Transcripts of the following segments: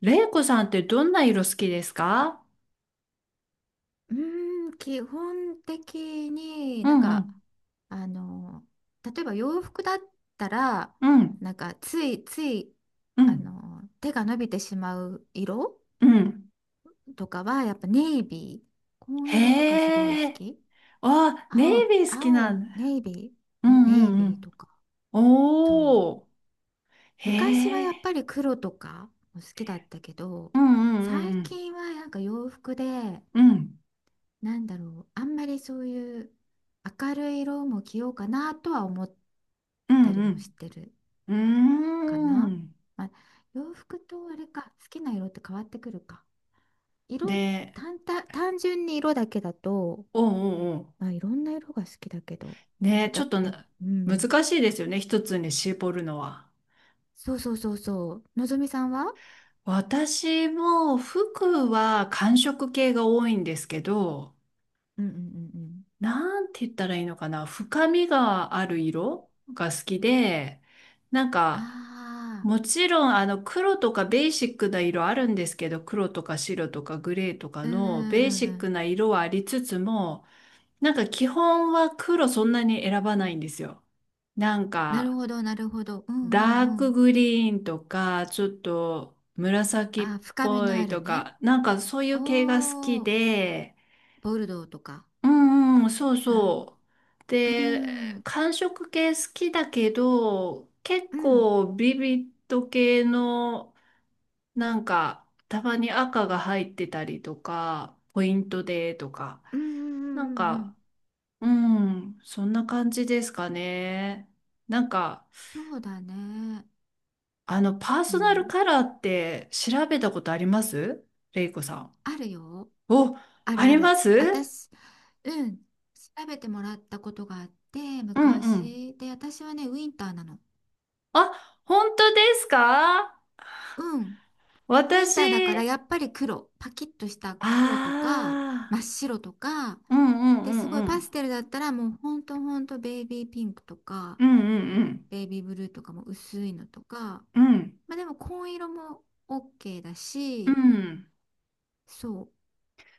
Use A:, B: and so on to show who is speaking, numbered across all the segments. A: レイコさんってどんな色好きですか？
B: うーん、基本的に
A: う
B: なん
A: んう
B: か
A: ん、
B: あの、例えば洋服だったら、
A: うん、
B: なんかついつい
A: う
B: あ
A: ん、
B: の、手が伸びてしまう色
A: うん。
B: とかはやっぱネイビー、紺色とかすごい
A: へ
B: 好
A: え。
B: き。
A: あ、ネ
B: 青、
A: イビー好き
B: 青、
A: なんだ。
B: ネイビ
A: う
B: ー、うんネ
A: んう
B: イ
A: んう
B: ビー
A: ん。
B: とか。そ
A: おー。
B: う、
A: へ
B: 昔はやっ
A: え。
B: ぱり黒とかも好きだったけど、
A: うん
B: 最
A: うん
B: 近はなんか洋服で
A: うんうん。
B: なんだろう、あんまりそういう明るい色も着ようかなとは思っ
A: う
B: た
A: ん
B: り
A: う
B: もし
A: ん
B: てる
A: う
B: か
A: ん。う
B: な。
A: ーん。
B: まあ、洋服とあれか、好きな色って変わってくるか。色、
A: で、
B: 単純に色だけだと、
A: おうおうおう。
B: まあ、いろんな色が好きだけど、やっ
A: ね、
B: ぱ
A: ちょ
B: だ、
A: っと
B: やっぱ、
A: な、
B: うん。
A: 難しいですよね。一つに絞るのは。
B: そうそうそうそう。のぞみさんは、
A: 私も服は寒色系が多いんですけど、
B: うんうんうんうん。
A: なんて言ったらいいのかな、深みがある色が好きで、なん
B: あ
A: か、
B: あ、
A: もちろんあの黒とかベーシックな色あるんですけど、黒とか白とかグレーとか
B: うん
A: の
B: うん
A: ベ
B: う
A: ー
B: ん
A: シ
B: う
A: ック
B: ん。
A: な色はありつつも、なんか基本は黒そんなに選ばないんですよ。なん
B: なる
A: か、
B: ほど、なるほど。うんう
A: ダー
B: んう
A: ク
B: ん。
A: グリーンとか、ちょっと紫っ
B: ああ、深み
A: ぽ
B: の
A: い
B: ある
A: と
B: ね。
A: か、なんかそういう系が好き
B: おー、
A: で、
B: ボルドーとか。
A: うんうん、そうそう。
B: え、う
A: で、
B: ん、うん、
A: 韓食系好きだけど、結
B: うん、
A: 構ビビット系の、なんか、たまに赤が入ってたりとか、ポイントでとか、
B: うん、う
A: なん
B: ん、うん。うん、
A: か、うん、そんな感じですかね。なんか、
B: そうだね。
A: あの、パー
B: う
A: ソナル
B: ん。
A: カラーって調べたことあります、レイコさん？
B: あるよ。
A: お、
B: ある
A: あり
B: あ
A: ま
B: る。
A: す？
B: 私、うん。調べてもらったことがあって、
A: うんうん。
B: 昔。で、私はね、ウィンターなの。
A: あ、本当ですか？
B: うん。ウィンターだ
A: 私、
B: から、やっぱり黒。パキッとした黒とか、
A: あ
B: 真っ白とか。
A: あ、うんうん
B: で、
A: う
B: す
A: ん
B: ご
A: う
B: いパ
A: ん。
B: ステルだったら、もうほんとほんとベイビーピンクとか、
A: うんうん
B: ベイビーブルーとかも薄いのとか。
A: うん。うん。
B: まあでも紺色も OK だ
A: う
B: し、
A: ん。
B: そう、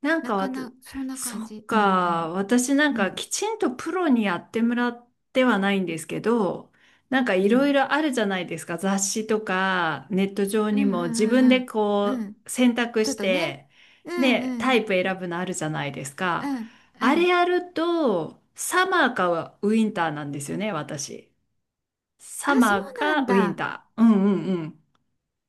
A: なん
B: な
A: かわ
B: か
A: た、
B: な、そんな
A: そ
B: 感
A: っ
B: じ。うんう
A: か、
B: ん
A: 私なん
B: う
A: か
B: ん。
A: きちんとプロにやってもらってはないんですけど、なんか
B: う
A: いろい
B: ん
A: ろあるじゃないですか。雑誌とかネット上
B: う
A: に
B: ん
A: も自分
B: う
A: で
B: んうんうん
A: こ
B: うん。
A: う選択
B: ちょっ
A: し
B: とね。
A: て、
B: うん
A: ね、
B: う
A: タ
B: ん
A: イプ選ぶのあるじゃないです
B: う
A: か。
B: んう
A: あれ
B: ん。
A: やると、サマーかウィンターなんですよね、私。
B: あ、
A: サマ
B: そ
A: ー
B: うな
A: か
B: ん
A: ウィン
B: だ。
A: ター。うんうんうん。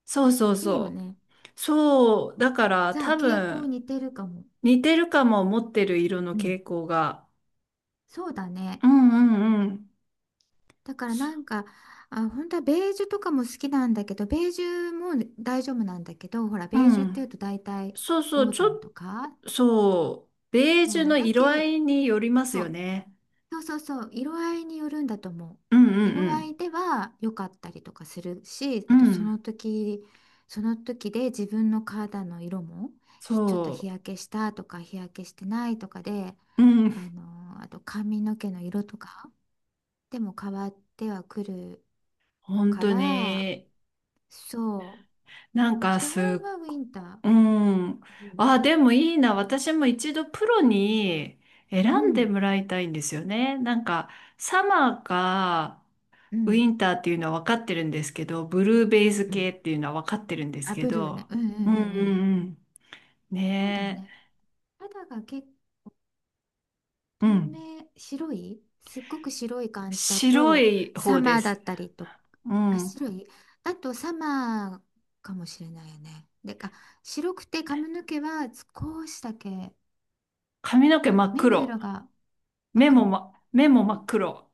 A: そうそう
B: いいよ
A: そ
B: ね。
A: う。そう、だから
B: じゃあ
A: 多
B: 傾向
A: 分
B: 似てるかも。
A: 似てるかも。持ってる色の
B: うん。
A: 傾向が。
B: そうだね。
A: うんうんうん。
B: だからなんか、あ、本当はベージュとかも好きなんだけど、ベージュも大丈夫なんだけど、ほら、
A: う
B: ベージュってい
A: ん。
B: うと大体
A: そうそ
B: オ
A: う、
B: ー
A: ち
B: タ
A: ょっ
B: ムとか、
A: と、そう、ベージュ
B: そう
A: の
B: だ
A: 色合
B: け、
A: いによります
B: そ
A: よ
B: う。
A: ね。
B: そうそうそう、色合いによるんだと思う。
A: うん
B: 色
A: う
B: 合
A: ん
B: いでは良かったりとかするし、
A: う
B: あと
A: ん。う
B: そ
A: ん。
B: の時、その時で自分の肌の色もちょっと日
A: そ
B: 焼けしたとか日焼けしてないとかで、
A: う。うん。
B: あと髪の毛の色とかでも変わってはくる
A: 本
B: か
A: 当
B: ら、
A: に、
B: そ
A: な
B: う。で
A: ん
B: も
A: か
B: 基本
A: す、
B: はウィンター。
A: うん。
B: うん
A: あ、でもいいな。私も一度プロに
B: うん
A: 選ん
B: う
A: で
B: ん。
A: もらいたいんですよね。なんか、サマーか、
B: う
A: ウ
B: ん
A: ィンターっていうのは分かってるんですけど、ブルーベイズ
B: う
A: 系
B: ん。
A: っていうのは分かってるんです
B: あ、
A: け
B: ブルーね。
A: ど、
B: うんうんうんうん、あ、
A: う
B: ブル
A: ん
B: ーね、うんうんう
A: う
B: んうん、
A: んうん。
B: そうだ
A: ね
B: ね。肌が結
A: え。う
B: 透
A: ん。
B: 明、白い、すっごく白い感じだ
A: 白
B: と、
A: い
B: サ
A: 方で
B: マーだ
A: す。
B: ったりと、
A: う
B: あ、
A: ん。
B: 白いだとサマーかもしれないよね。でか、白くて髪の毛は少しだけ、
A: 髪の毛
B: あ、
A: 真っ
B: 目の
A: 黒。
B: 色が真っ
A: 目も、
B: 黒。
A: 目
B: あ
A: も
B: 目、
A: 真っ黒。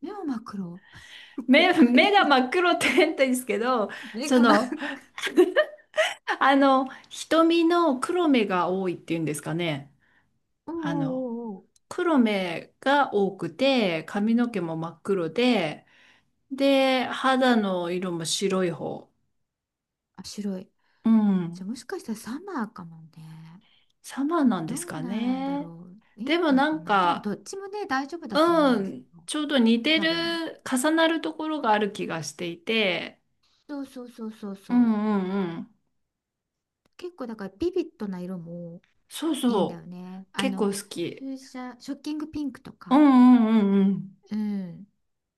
B: 目は真っ黒。怖
A: 目が
B: い。
A: 真っ黒って変態ですけど、
B: 目
A: そ
B: が真っ
A: の、
B: 黒。
A: あの、瞳の黒目が多いっていうんですかね。
B: おうお
A: あの、
B: うおうおう、
A: 黒目が多くて、髪の毛も真っ黒で、で、肌の色も白い方。
B: あ、白い。
A: う
B: じゃ
A: ん、
B: あもしかしたらサマーかもね。
A: サマーなんで
B: ど
A: す
B: う
A: か
B: なんだろ
A: ね？
B: う。ウィ
A: で
B: ン
A: も
B: ター
A: な
B: か
A: ん
B: な。でもど
A: か、
B: っちもね、大丈夫だと思うん
A: う
B: ですけ
A: ん、
B: ど、
A: ちょうど似て
B: 多分。
A: る、重なるところがある気がしていて、
B: そうそうそうそう
A: うん
B: そう。
A: うんうん。
B: 結構だからビビッドな色も
A: そう
B: いいんだよ
A: そう。
B: ね。あ
A: 結構
B: の、
A: 好き。
B: 風車、ショッキングピンクと
A: う
B: か。
A: んうんうんうん。
B: うん。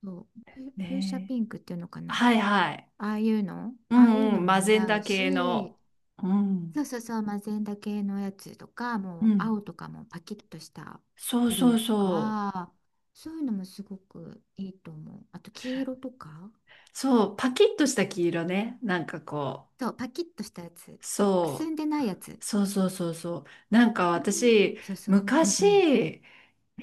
B: そう。風車
A: ねえ。
B: ピンクっていうのかな。
A: はいはい。
B: ああいうの
A: う
B: ああいう
A: んう
B: の
A: ん。
B: も
A: マ
B: 似
A: ゼン
B: 合
A: ダ
B: う
A: 系
B: し、
A: の。うん。
B: そうそうそう、マゼンダ系のやつとか、
A: う
B: もう
A: ん。
B: 青とかもパキッとした
A: そう
B: ブル
A: そう
B: ーと
A: そう。
B: か、そういうのもすごくいいと思う。あと黄色とか。
A: そう、パキッとした黄色ね。なんかこう。
B: そう、パキッとしたやつ。くす
A: そ
B: んでないやつ。
A: う。そうそうそうそう。なんか
B: あ
A: 私、
B: ーそうそう。うんうん。
A: 昔、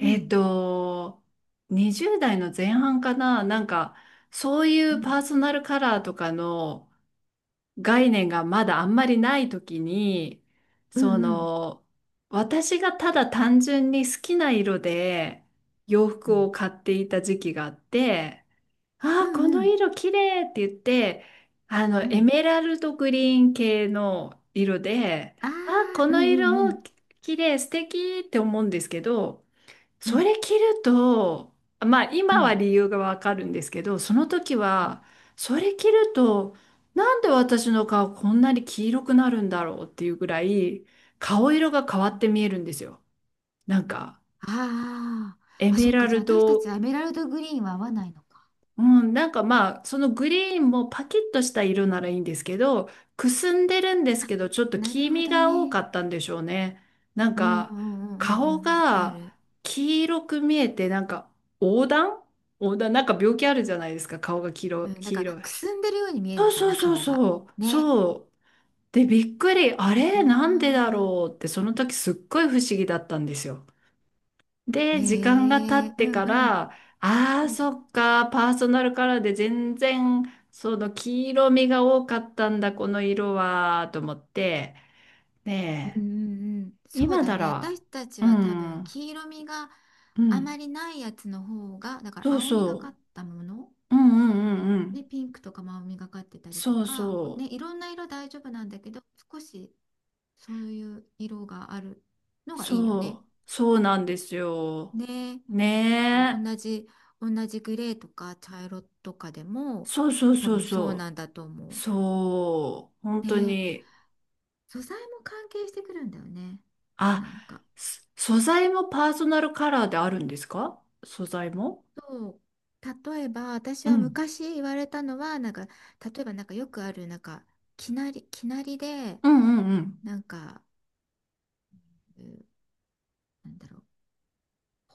B: う
A: っ
B: ん。
A: と、20代の前半かな、なんか、そうい
B: う
A: う
B: ん
A: パーソナルカラーとかの概念がまだあんまりない時に、
B: う
A: そ
B: んうん
A: の、私がただ単純に好きな色で洋
B: う
A: 服
B: ん
A: を買っていた時期があって、
B: う
A: ああ、この
B: ん
A: 色綺麗って言って、あの、
B: う
A: エ
B: ん。
A: メラルドグリーン系の色で、
B: あ
A: ああ、こ
B: あ、ーう
A: の
B: んうんう
A: 色
B: ん
A: 綺麗、素敵って思うんですけど、
B: う
A: そ
B: ん
A: れ着ると、まあ
B: う
A: 今は
B: ん
A: 理由がわかるんですけど、その時
B: うん。
A: は、それ着ると、なんで私の顔こんなに黄色くなるんだろうっていうぐらい、顔色が変わって見えるんですよ。なんか、
B: あ
A: エ
B: ー、あそ
A: メ
B: っか、
A: ラ
B: じゃあ
A: ル
B: 私た
A: ド
B: ちはエメラルドグリーンは合わないのか。
A: うん、なんかまあ、そのグリーンもパキッとした色ならいいんですけど、くすんでるんです
B: あ、
A: けど、ちょっと
B: なる
A: 黄
B: ほ
A: 身
B: ど
A: が多
B: ね。
A: かったんでしょうね。なん
B: うんう
A: か、
B: んうんう
A: 顔
B: ん。うん、わか
A: が
B: る。
A: 黄色く見えて、なんか、黄疸黄疸、なんか病気あるじゃないですか、顔が黄色、
B: うん、だ
A: 黄
B: から
A: 色い。
B: くすんでるように見える
A: そう
B: のか
A: そ
B: な、
A: うそう
B: 顔が。
A: そう、
B: ね。
A: そう。で、びっくり、あ
B: あ
A: れ、なんでだろ
B: あ、
A: うって、その時すっごい不思議だったんですよ。
B: ーへ
A: で、時間が経
B: え、
A: っ
B: う
A: て
B: ん
A: か
B: うん
A: ら、あ
B: う
A: あ、そ
B: ん
A: っか、パーソナルカラーで全然、その黄色みが多かったんだ、この色は、と思って、
B: うんう
A: ね
B: んうん、
A: え、
B: そう
A: 今
B: だ
A: な
B: ね。
A: ら、
B: 私たち
A: う
B: は多
A: ん、
B: 分
A: う
B: 黄色みが
A: ん、
B: あまりないやつの方が、だから
A: そう
B: 青みがか
A: そ
B: ったもの、
A: う、うんうんうんう
B: ね、
A: ん、
B: ピンクとかも青みがかってたりと
A: そう
B: か、ね、
A: そ
B: いろんな色大丈夫なんだけど、少しそういう色があるの
A: う、
B: がいいよね。
A: そう、そうなんですよ。
B: ね、だから
A: ねえ、
B: 同じ、同じグレーとか茶色とかでも
A: そうそう
B: 多
A: そう
B: 分そうな
A: そ
B: んだと
A: う、
B: 思う。
A: そう、本当
B: ね、
A: に。
B: 素材も関係してくるんだよね。
A: あ、
B: なんか。
A: 素材もパーソナルカラーであるんですか？素材も。
B: そう、例えば私
A: う
B: は
A: ん。
B: 昔言われたのはなんか、例えばなんかよくあるなんか、きなり、きなりで
A: うんうんうん。
B: なんか、う、なんだろう、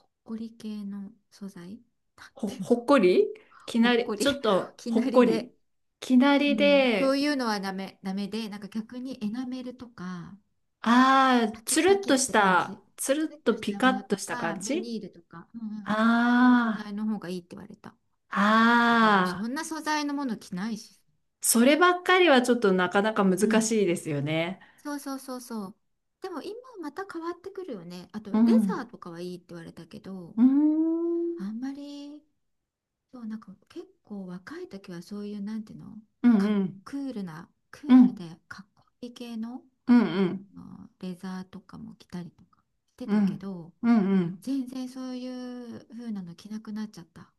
B: ほっこり系の素材、なん
A: ほ、
B: ていう
A: ほ
B: の。
A: っこりき
B: ほ
A: な
B: っこ
A: り、
B: り、
A: ちょっ と
B: き
A: ほ
B: な
A: っ
B: り
A: こり。
B: で、
A: きな
B: う
A: り
B: ん、そう
A: で、
B: いうのはダメ、ダメでなんか逆にエナメルとか、
A: ああ、
B: パキ
A: つ
B: ッパ
A: るっ
B: キッ
A: と
B: っ
A: し
B: て感じ、
A: た、つる
B: プレ
A: っ
B: ッと
A: と
B: し
A: ピ
B: た
A: カ
B: もの
A: ッと
B: と
A: した
B: か
A: 感
B: ビ
A: じ。
B: ニールとか、うんうんうん、ああいう素
A: あ
B: 材の方がいいって言われた。だけどもうそ
A: あ、あ
B: ん
A: あ、
B: な素材のもの着ないし。
A: そればっかりはちょっとなかなか
B: う
A: 難
B: ん。
A: しいですよね。
B: そうそうそうそう。でも今また変わってくるよね。あと
A: う
B: レザー
A: ん。
B: とかはいいって言われたけど、
A: うーん。
B: あんまり、そう、なんか結構若い時はそういうなんていうの、
A: うん
B: か、
A: うん。
B: クールな、ク
A: う
B: ール
A: ん。
B: でかっこいい系の、
A: うんうん。
B: あのレザーとかも着たりとかして
A: う
B: たけ
A: ん。
B: ど、
A: うんうん。
B: 全然そういう風なの着なくなっちゃった。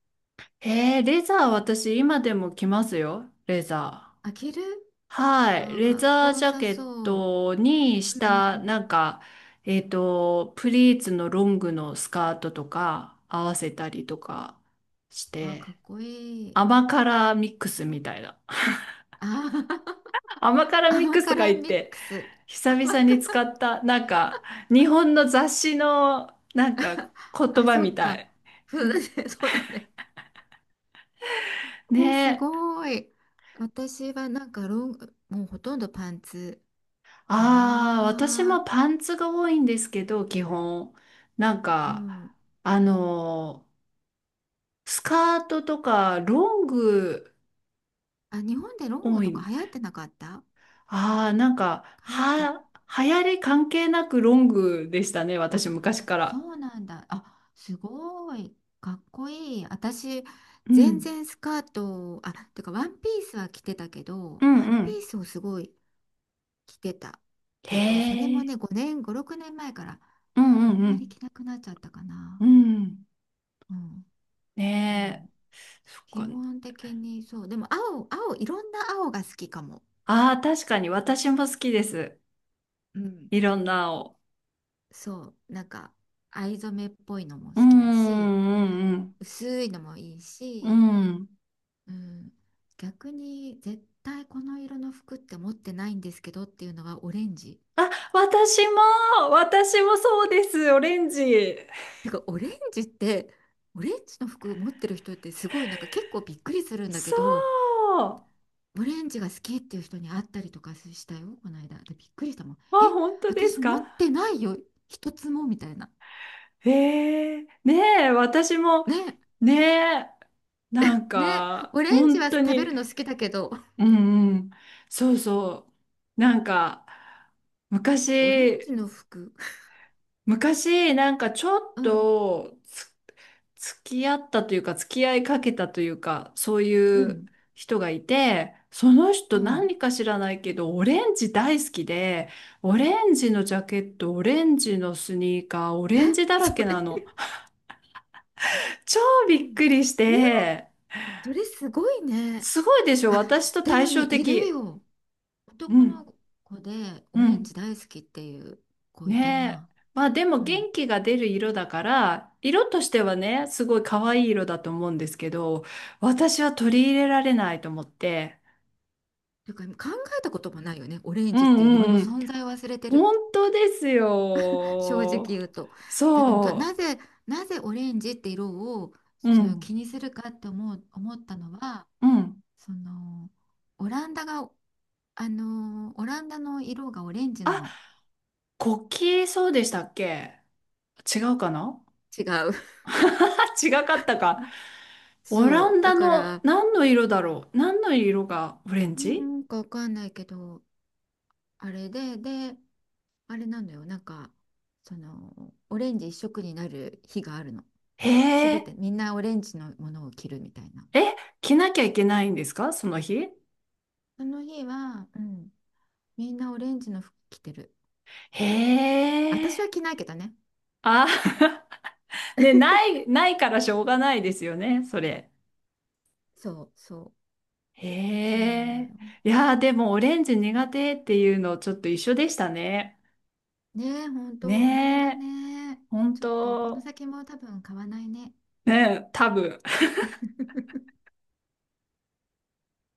A: へえ、レザー私今でも着ますよ。レザ
B: あ、着る、
A: ー。はい。
B: あー、
A: レ
B: かっ
A: ザ
B: こ
A: ー
B: よ
A: ジャ
B: さ
A: ケッ
B: そう。
A: トにし
B: うんうんう
A: た、
B: ん。
A: なんか、プリーツのロングのスカートとか合わせたりとかし
B: あー、か
A: て、
B: っこいい。
A: 甘辛ミックスみたいな。
B: あー。
A: 甘 辛ミッ
B: 甘
A: クスとか
B: 辛
A: 言っ
B: ミッ
A: て、
B: クス。
A: 久
B: 甘
A: 々に
B: 辛、
A: 使った、なんか、日本の雑誌の、なんか、言
B: あ、
A: 葉
B: そ
A: み
B: っ
A: た
B: か。
A: い。
B: そうだね。そうだね。す
A: ね。
B: ごい。私はなんかロング、もうほとんどパンツか
A: ああ、私も
B: な。
A: パンツが多いんですけど、基本。なん
B: う
A: か、
B: ん。
A: あのスカートとかロング
B: あ、日本でロング
A: 多
B: とか
A: い。
B: 流行ってなかった。
A: ああ、なんか、
B: 流行って、
A: 流行り関係なくロングでしたね、
B: あ、
A: 私昔か
B: そ
A: ら。
B: うなんだ。あ、すごい。かっこいい。私、
A: う
B: 全
A: ん。
B: 然スカート、あ、てかワンピースは着てたけ
A: う
B: ど、
A: ん
B: ワン
A: う
B: ピー
A: ん。
B: スをすごい着てた
A: へ
B: けど、それも
A: え。
B: ね、5年、5、6年前から
A: うん
B: あん
A: う
B: まり
A: ん
B: 着なくなっちゃったかな。
A: うん。うん。
B: うん、う
A: ねえ。
B: ん、
A: そ
B: 基
A: っか。
B: 本的にそう。でも青、青、いろんな青が好きかも。
A: ああ、確かに私も好きです。
B: うん、
A: いろんなを。
B: そう。なんか、藍染めっぽいのも好
A: う
B: きだし、
A: んうんうん
B: 薄いのもいい
A: う
B: し、
A: ん。うん。
B: うん、逆に絶対この色の服って持ってないんですけどっていうのはオレンジ。
A: あ、私もそうです、オレンジ。
B: てか、オレンジって、オレンジの服持ってる人ってすごい、なんか結構びっくりするんだけ
A: そう。
B: ど、
A: あ、
B: オレンジが好きっていう人に会ったりとかしたよ、この間。で、びっくりしたもん。え、
A: 本当です
B: 私持っ
A: か？
B: てないよ、一つもみたいな。
A: ええ。ねえ、私も、
B: ね、
A: ねえ、なん
B: ね、
A: か、
B: オレンジ
A: 本
B: は
A: 当
B: 食べ
A: に、
B: るの好きだけど、
A: うんうん、そうそう。なんか、
B: オレン
A: 昔、
B: ジの服、
A: 昔、なんかちょっ
B: うん、
A: と、付き合ったというか、付き合いかけたというか、そう
B: う
A: いう
B: ん、
A: 人がいて、その人
B: うん。
A: 何か知らないけど、オレンジ大好きで、オレンジのジャケット、オレンジのスニーカー、オ
B: え、
A: レンジだら
B: そ
A: け
B: れ、
A: なの。超
B: う
A: びっ
B: ん、
A: くりして、
B: それすごいね。
A: すごいでしょ、
B: あ、
A: 私と
B: で
A: 対
B: もね、
A: 照
B: いる
A: 的。
B: よ。
A: う
B: 男
A: ん、
B: の子で
A: う
B: オレンジ
A: ん。
B: 大好きっていう子いた
A: ねえ。
B: な。
A: まあでも
B: うん。
A: 元気が出る色だから、色としてはね、すごい可愛い色だと思うんですけど、私は取り入れられないと思って、
B: ていうか、考えたこともないよね、オレン
A: う
B: ジっ
A: ん
B: ていう
A: う
B: 色
A: ん
B: の
A: うん。
B: 存在を忘れてる。
A: 本当です
B: 正直
A: よ。
B: 言うと。だからどな
A: そ
B: ぜ、なぜオレンジって色を
A: う。う
B: そういう気
A: ん。
B: にするかって思う、思ったのは、
A: うん。
B: そのオランダが、あのオランダの色がオレンジな
A: あ、
B: の。
A: 国旗、そうでしたっけ？違うかな？
B: 違う。
A: あ、違かったか。オラ
B: そ
A: ン
B: う。だ
A: ダ
B: か
A: の
B: ら、
A: 何の色だろう？何の色がオレン
B: う
A: ジ？
B: ーん、かわかんないけど、あれで、で、あれなのよ。なんか、そのオレンジ一色になる日があるの。す
A: へ
B: べ
A: え。
B: てみんなオレンジのものを着るみたいな。
A: え、着なきゃいけないんですかその日？
B: その日は、うん、みんなオレンジの服着てる。
A: へ
B: 私
A: え。
B: は着ないけどね。
A: あ、ね、な い、ないからしょうがないですよね、それ。
B: そうそう
A: へ
B: そうなのよ。
A: え。いやー、でもオレンジ苦手っていうのちょっと一緒でしたね。
B: ねえ、本当同じ
A: ね
B: だ
A: え、
B: ね。
A: 本
B: ちょっとこの
A: 当。
B: 先も多分買わないね。
A: ねえ、多分。